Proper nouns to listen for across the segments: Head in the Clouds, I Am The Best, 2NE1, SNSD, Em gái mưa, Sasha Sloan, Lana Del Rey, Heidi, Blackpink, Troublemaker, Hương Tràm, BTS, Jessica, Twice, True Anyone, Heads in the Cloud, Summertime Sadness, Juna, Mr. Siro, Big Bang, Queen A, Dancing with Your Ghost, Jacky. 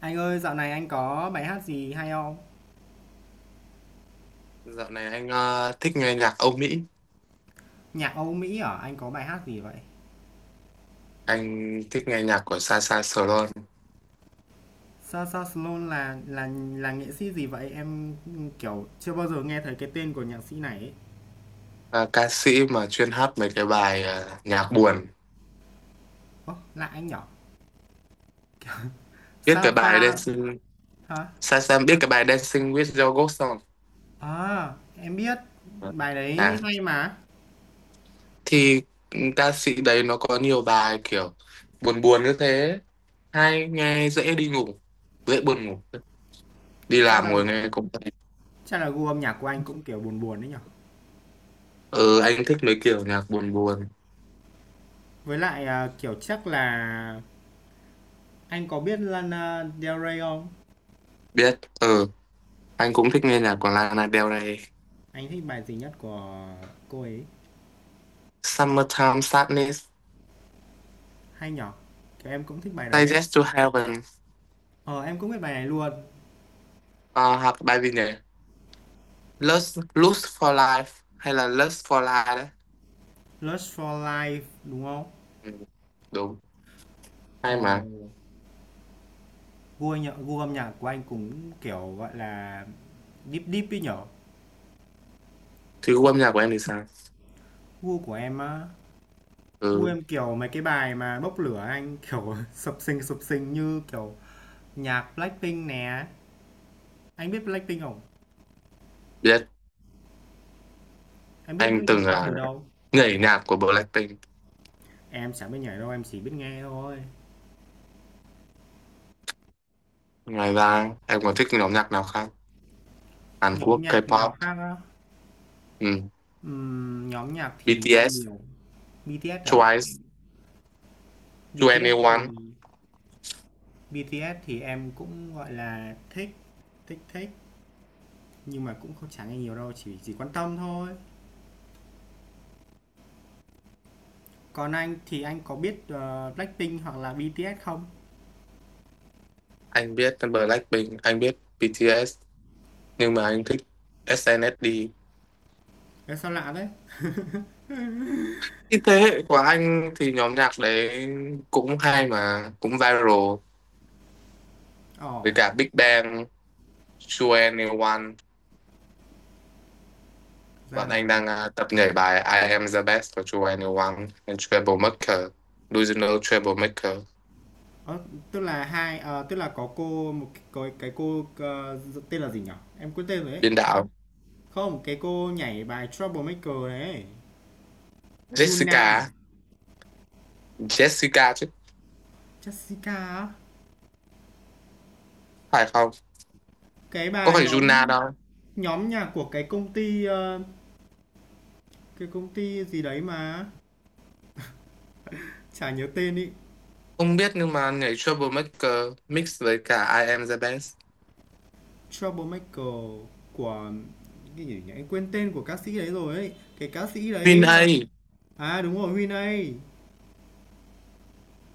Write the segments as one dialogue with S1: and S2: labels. S1: Anh ơi, dạo này anh có bài hát gì hay không?
S2: Dạo này anh thích nghe nhạc Âu Mỹ,
S1: Nhạc Âu Mỹ hả? Anh có bài hát gì vậy?
S2: anh thích nghe nhạc của Sasha Sloan,
S1: Sasha Sloan là là nghệ sĩ gì vậy? Em kiểu chưa bao giờ nghe thấy cái tên của nhạc sĩ này ấy.
S2: ờ, ca sĩ mà chuyên hát mấy cái bài nhạc buồn.
S1: Ố, lạ anh nhỉ?
S2: Biết cái bài
S1: Sasha
S2: Dancing,
S1: hả?
S2: Sasha biết cái bài Dancing with Your Ghost không?
S1: À, em biết
S2: Ờ.
S1: bài
S2: Đấy.
S1: đấy hay mà.
S2: Thì ca sĩ đấy nó có nhiều bài kiểu buồn buồn như thế, hay nghe dễ đi ngủ, dễ buồn ngủ. Đi
S1: Chắc là
S2: làm ngồi nghe cũng thấy.
S1: chắc là gu âm nhạc của anh cũng kiểu buồn buồn đấy nhở?
S2: Ừ, anh thích mấy kiểu nhạc buồn buồn.
S1: Với lại à, kiểu chắc là anh có biết Lana Del Rey không?
S2: Biết, ừ, anh cũng thích nghe nhạc của Lana Del Rey.
S1: Anh thích bài gì nhất của cô ấy?
S2: Summertime Sadness.
S1: Hay nhở? Kiểu em cũng thích bài đấy ấy.
S2: Digest to Heaven.
S1: Ờ, em cũng biết bài này luôn.
S2: Ờ, hoặc bài gì nhỉ, Lust for Life hay là Lust for Life đấy.
S1: Lust for Life đúng không?
S2: Ừ, đúng, hay
S1: Ồ,
S2: mà.
S1: gu nhạc, gu âm nhạc của anh cũng kiểu gọi là deep deep ấy nhở.
S2: Thì gu âm nhạc của em thì sao?
S1: Gu của em á, gu
S2: Ừ,
S1: em kiểu mấy cái bài mà bốc lửa anh kiểu sập sình như kiểu nhạc Blackpink nè. Anh biết Blackpink không?
S2: biết.
S1: Em biết
S2: Anh
S1: Blackpink
S2: từng
S1: qua từ đâu?
S2: nhảy nhạc của Blackpink.
S1: Em chẳng biết nhảy đâu, em chỉ biết nghe thôi.
S2: Ngoài ra em còn thích nhóm nhạc nào khác? Hàn
S1: Nhóm
S2: Quốc,
S1: nhạc nào
S2: K-pop.
S1: khác á?
S2: Ừ.
S1: Nhóm nhạc thì
S2: BTS,
S1: nhiều. BTS à?
S2: Twice,
S1: BTS thì
S2: 2NE1.
S1: BTS thì em cũng, gọi là, thích, thích, nhưng mà cũng không chả nghe nhiều đâu, chỉ quan tâm thôi. Còn anh thì anh có biết, Blackpink hoặc là BTS không?
S2: Anh biết Blackpink, anh biết BTS, nhưng mà anh thích SNSD.
S1: Ê, sao lạ đấy.
S2: Cái thế hệ của anh thì nhóm nhạc đấy cũng hay mà cũng viral, với
S1: Ồ,
S2: cả Big Bang, True Anyone.
S1: ra
S2: Bọn
S1: là
S2: anh đang tập nhảy bài I Am The Best của True Anyone and Troublemaker, Delusional Troublemaker.
S1: ơ, tức là hai tức là có cô một cái có cái cô, tên là gì nhỉ? Em quên tên rồi ấy.
S2: Biên đạo
S1: Không, cái cô nhảy bài Troublemaker đấy, Yuna à?
S2: Jessica, Jessica chứ,
S1: Jessica á?
S2: phải không?
S1: Cái
S2: Có
S1: bà
S2: phải
S1: nhóm
S2: Juna đâu?
S1: nhóm nhạc của cái công ty, cái công ty gì đấy mà, chả nhớ tên ý.
S2: Không biết, nhưng mà nhảy Troublemaker mix với cả I Am The Best.
S1: Troublemaker của cái gì nhỉ? Em quên tên của ca sĩ đấy rồi ấy. Cái ca sĩ
S2: Queen
S1: đấy là
S2: A,
S1: à đúng rồi, Huy này.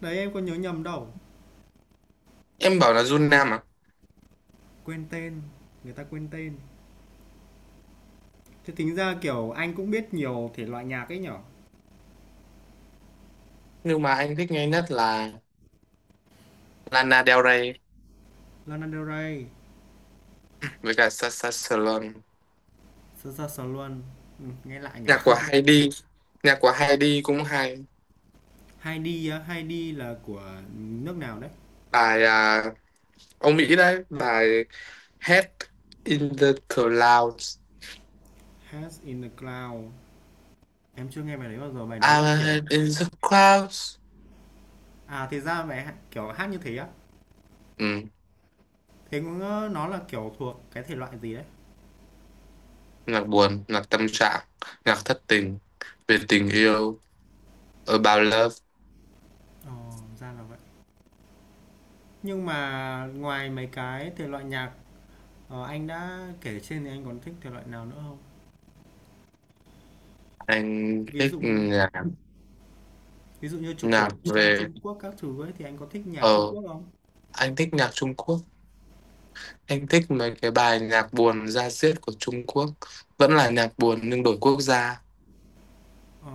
S1: Đấy em có nhớ nhầm đâu.
S2: em bảo là Juna mà.
S1: Quên tên, người ta quên tên. Thế tính ra kiểu anh cũng biết nhiều thể loại nhạc ấy nhở.
S2: Nhưng mà anh thích nghe nhất là Lana Del Rey
S1: Lana Del Rey,
S2: với cả Sasha Sloan.
S1: Saoirse Ronan. Ừ, nghe lại nhở.
S2: Nhạc của Heidi, nhạc của Heidi cũng hay.
S1: Heidi á, Heidi là của nước nào đấy?
S2: Bài ông Mỹ đấy, bài Head in the Clouds.
S1: Heads in the Cloud. Em chưa nghe bài đấy bao giờ. Bài đấy là
S2: I'm
S1: kiểu
S2: head in the clouds.
S1: à thì ra kiểu hát như thế á.
S2: Ừ,
S1: Thế cũng nó là kiểu thuộc cái thể loại gì đấy?
S2: nhạc buồn, nhạc tâm trạng, nhạc thất tình, về tình yêu, about love.
S1: Ồ, ra là nhưng mà ngoài mấy cái thể loại nhạc, anh đã kể trên thì anh còn thích thể loại nào nữa không?
S2: Anh
S1: Ví
S2: thích
S1: dụ
S2: nhạc,
S1: Ví dụ như trù
S2: nhạc
S1: cổ sang
S2: về,
S1: Trung Quốc các thứ ấy thì anh có thích nhạc Trung
S2: ờ,
S1: Quốc không?
S2: anh thích nhạc Trung Quốc, anh thích mấy cái bài nhạc buồn da diết của Trung Quốc. Vẫn là nhạc buồn nhưng đổi quốc gia.
S1: Ờ,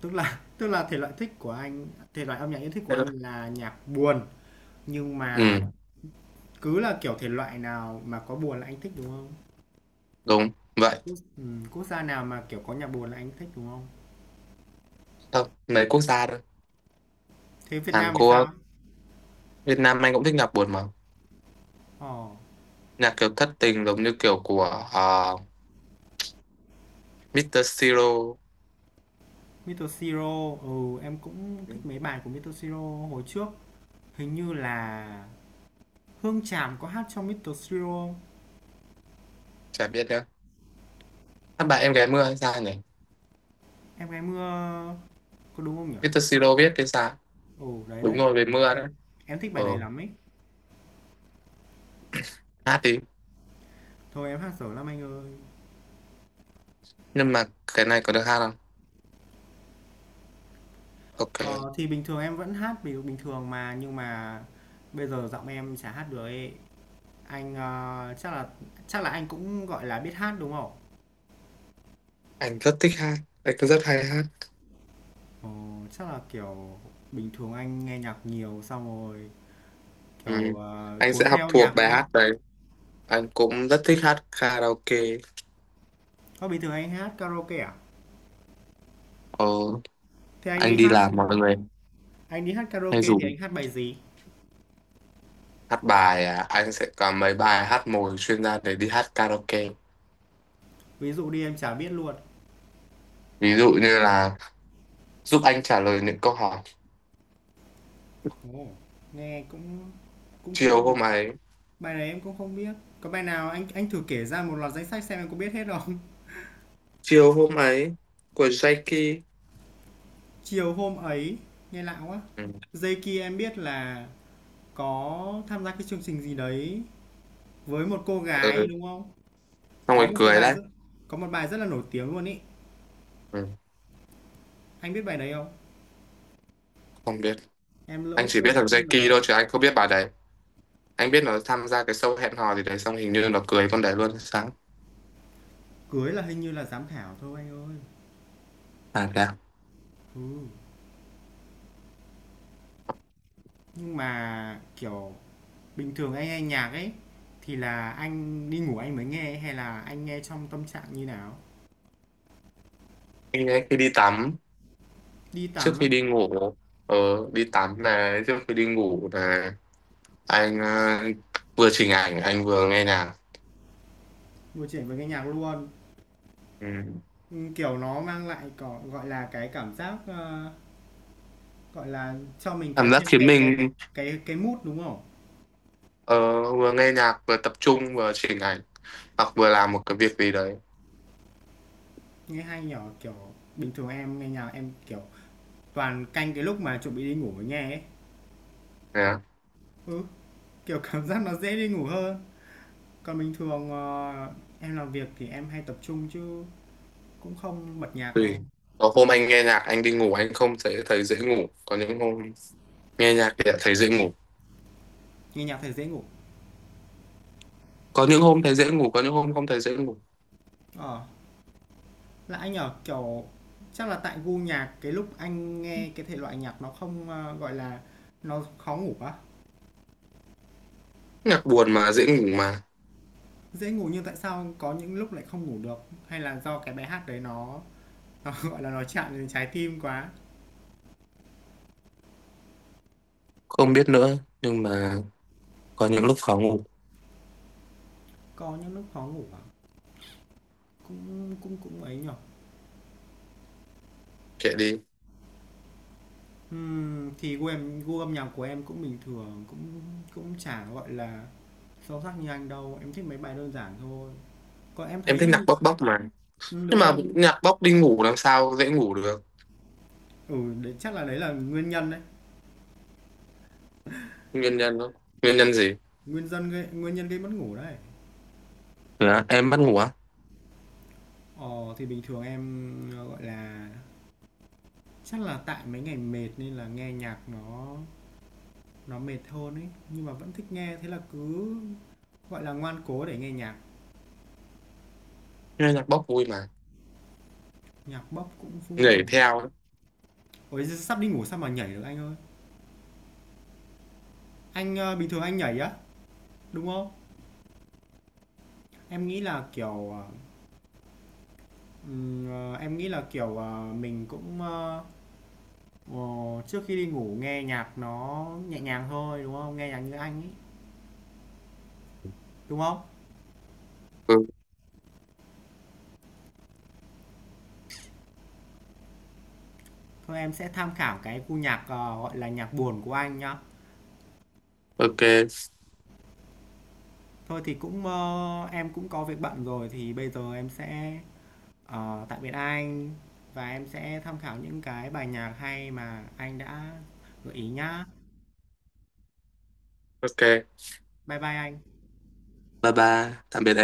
S1: tức là tức là thể loại thích của anh, thể loại âm nhạc yêu thích của anh là nhạc buồn, nhưng mà
S2: Ừ,
S1: cứ là kiểu thể loại nào mà có buồn là anh thích đúng không?
S2: đúng vậy.
S1: Quốc, ừ, quốc gia nào mà kiểu có nhạc buồn là anh thích đúng không?
S2: Không, mấy quốc gia thôi.
S1: Thế Việt
S2: Hàn
S1: Nam thì sao?
S2: Quốc. Việt Nam anh cũng thích nhạc buồn mà,
S1: Ờ,
S2: nhạc kiểu thất tình giống như kiểu của uh, Mr. Siro.
S1: Mr. Siro, ừ, em cũng
S2: Ừ,
S1: thích mấy bài của Mr. Siro hồi trước. Hình như là Hương Tràm có hát trong Mr. Siro.
S2: chả biết nữa, hát bài em gái mưa hay sao nhỉ?
S1: Em gái mưa có đúng không nhỉ?
S2: Mr. Siro viết hay sao?
S1: Ồ đấy
S2: Đúng
S1: đấy.
S2: rồi, về mưa
S1: Em
S2: đấy.
S1: em thích bài
S2: Ờ,
S1: đấy lắm ấy.
S2: hát đi.
S1: Thôi em hát dở lắm anh ơi.
S2: Nhưng mà cái này có được hát không? Ok.
S1: Ờ, thì bình thường em vẫn hát bình bình thường mà nhưng mà bây giờ giọng em chả hát được ấy. Anh chắc là anh cũng gọi là biết hát đúng không?
S2: Anh rất thích hát, anh cũng rất hay hát.
S1: Ồ, chắc là kiểu bình thường anh nghe nhạc nhiều xong rồi
S2: Ừ.
S1: kiểu
S2: Anh sẽ
S1: cuốn
S2: học
S1: theo nhạc
S2: thuộc
S1: đúng
S2: bài
S1: không?
S2: hát đấy, anh cũng rất thích hát karaoke.
S1: Có bình thường anh hát karaoke à?
S2: Ờ.
S1: Thế anh đi
S2: Anh đi
S1: hát.
S2: làm mọi người
S1: Anh đi hát
S2: hay
S1: karaoke thì
S2: dùng
S1: anh hát bài gì?
S2: hát bài. Anh sẽ có mấy bài hát mồi chuyên gia để đi hát karaoke.
S1: Ví dụ đi em chả biết luôn.
S2: Ví dụ như là giúp anh trả lời những câu hỏi,
S1: Ồ, nghe cũng cũng cũng
S2: chiều
S1: ấy nhỉ.
S2: hôm ấy.
S1: Bài này em cũng không biết. Có bài nào anh thử kể ra một loạt danh sách xem em có biết hết không?
S2: Chiều hôm ấy của Jacky.
S1: Chiều hôm ấy, nghe lạ quá.
S2: Ừ.
S1: Dây kia em biết là có tham gia cái chương trình gì đấy với một cô gái
S2: Ừ,
S1: đúng không?
S2: xong
S1: Có
S2: rồi
S1: một cái
S2: cười
S1: bài
S2: đấy.
S1: rất có một bài rất là nổi tiếng luôn ý.
S2: Ừ.
S1: Anh biết bài đấy không?
S2: Không biết.
S1: Em lỡ
S2: Anh chỉ biết
S1: quên
S2: thằng
S1: tên nó
S2: Jacky
S1: rồi.
S2: thôi chứ anh không biết bà đấy. Anh biết nó tham gia cái show hẹn hò gì đấy, xong hình như nó cưới con đấy luôn sáng.
S1: Cưới là hình như là giám khảo thôi anh ơi.
S2: À kìa.
S1: Ừ. Nhưng mà kiểu bình thường anh nghe nhạc ấy thì là anh đi ngủ anh mới nghe hay là anh nghe trong tâm trạng như nào?
S2: Anh ấy khi đi tắm,
S1: Đi
S2: trước
S1: tắm á,
S2: khi đi ngủ. Ờ, đi tắm này, trước khi đi ngủ này. Anh vừa chỉnh ảnh anh vừa nghe nhạc.
S1: ngồi chuyện với nghe nhạc luôn.
S2: Ừ.
S1: Ừ, kiểu nó mang lại có gọi là cái cảm giác gọi là cho mình cái
S2: Cảm giác
S1: thêm
S2: khiến
S1: cái cái
S2: mình,
S1: cái cái mood đúng không?
S2: ờ, vừa nghe nhạc vừa tập trung vừa chỉnh ảnh, hoặc vừa làm một cái việc gì đấy.
S1: Nghe hay nhỏ kiểu bình thường em nghe nhạc em kiểu toàn canh cái lúc mà chuẩn bị đi ngủ mới nghe ấy.
S2: Thế á.
S1: Ừ, kiểu cảm giác nó dễ đi ngủ hơn. Còn bình thường em làm việc thì em hay tập trung chứ cũng không bật nhạc
S2: Tùy,
S1: đâu.
S2: có hôm anh nghe nhạc anh đi ngủ anh không thấy thấy dễ ngủ, có những hôm nghe nhạc thì lại thấy dễ ngủ.
S1: Nghe nhạc thì dễ ngủ.
S2: Có những hôm thấy dễ ngủ, có những hôm không thấy dễ ngủ.
S1: Ờ. Là anh ở, kiểu, chắc là tại gu nhạc cái lúc anh nghe cái thể loại nhạc nó không, a, gọi là, nó khó ngủ quá.
S2: Nhạc buồn mà dễ ngủ mà.
S1: Dễ ngủ nhưng tại sao có những lúc lại không ngủ được? Hay là do cái bài hát đấy nó gọi là, nó chạm đến trái tim quá?
S2: Không biết nữa nhưng mà có những lúc khó ngủ.
S1: Có những lúc khó ngủ à? Cũng cũng cũng ấy nhỉ?
S2: Kệ đi.
S1: Thì gu âm nhạc của em cũng bình thường, cũng cũng chả, gọi là, sâu sắc như anh đâu, em thích mấy bài đơn giản thôi. Còn em
S2: Em
S1: thấy nhá
S2: thích nhạc bốc bốc mà,
S1: đúng
S2: nhưng mà
S1: rồi,
S2: nhạc bốc đi ngủ làm sao dễ ngủ được.
S1: ừ, đấy chắc là đấy là nguyên nhân đấy.
S2: Nguyên nhân đó. Nguyên nhân gì?
S1: Nguyên nhân gây mất ngủ đấy.
S2: Dạ, em bắt ngủ á.
S1: Ờ thì bình thường em gọi là chắc là tại mấy ngày mệt nên là nghe nhạc nó mệt hơn ấy, nhưng mà vẫn thích nghe thế là cứ gọi là ngoan cố để nghe nhạc,
S2: Nghe nhạc bốc vui mà,
S1: nhạc bốc cũng vui.
S2: nhảy theo ấy.
S1: Ôi giời, sắp đi ngủ sao mà nhảy được anh ơi. Anh bình thường anh nhảy á, đúng không? Em nghĩ là kiểu ờ, em nghĩ là kiểu mình cũng ờ, trước khi đi ngủ nghe nhạc nó nhẹ nhàng thôi đúng không? Nghe nhạc như anh ấy, đúng không?
S2: Ừ.
S1: Thôi em sẽ tham khảo cái cu nhạc, gọi là, nhạc buồn của anh nhá.
S2: Ok.
S1: Thôi thì cũng, ơ, em cũng có việc bận rồi thì bây giờ em sẽ, tạm biệt anh và em sẽ tham khảo những cái bài nhạc hay mà anh đã gợi ý nhá.
S2: Ok.
S1: Bye bye anh.
S2: Bye bye, tạm biệt.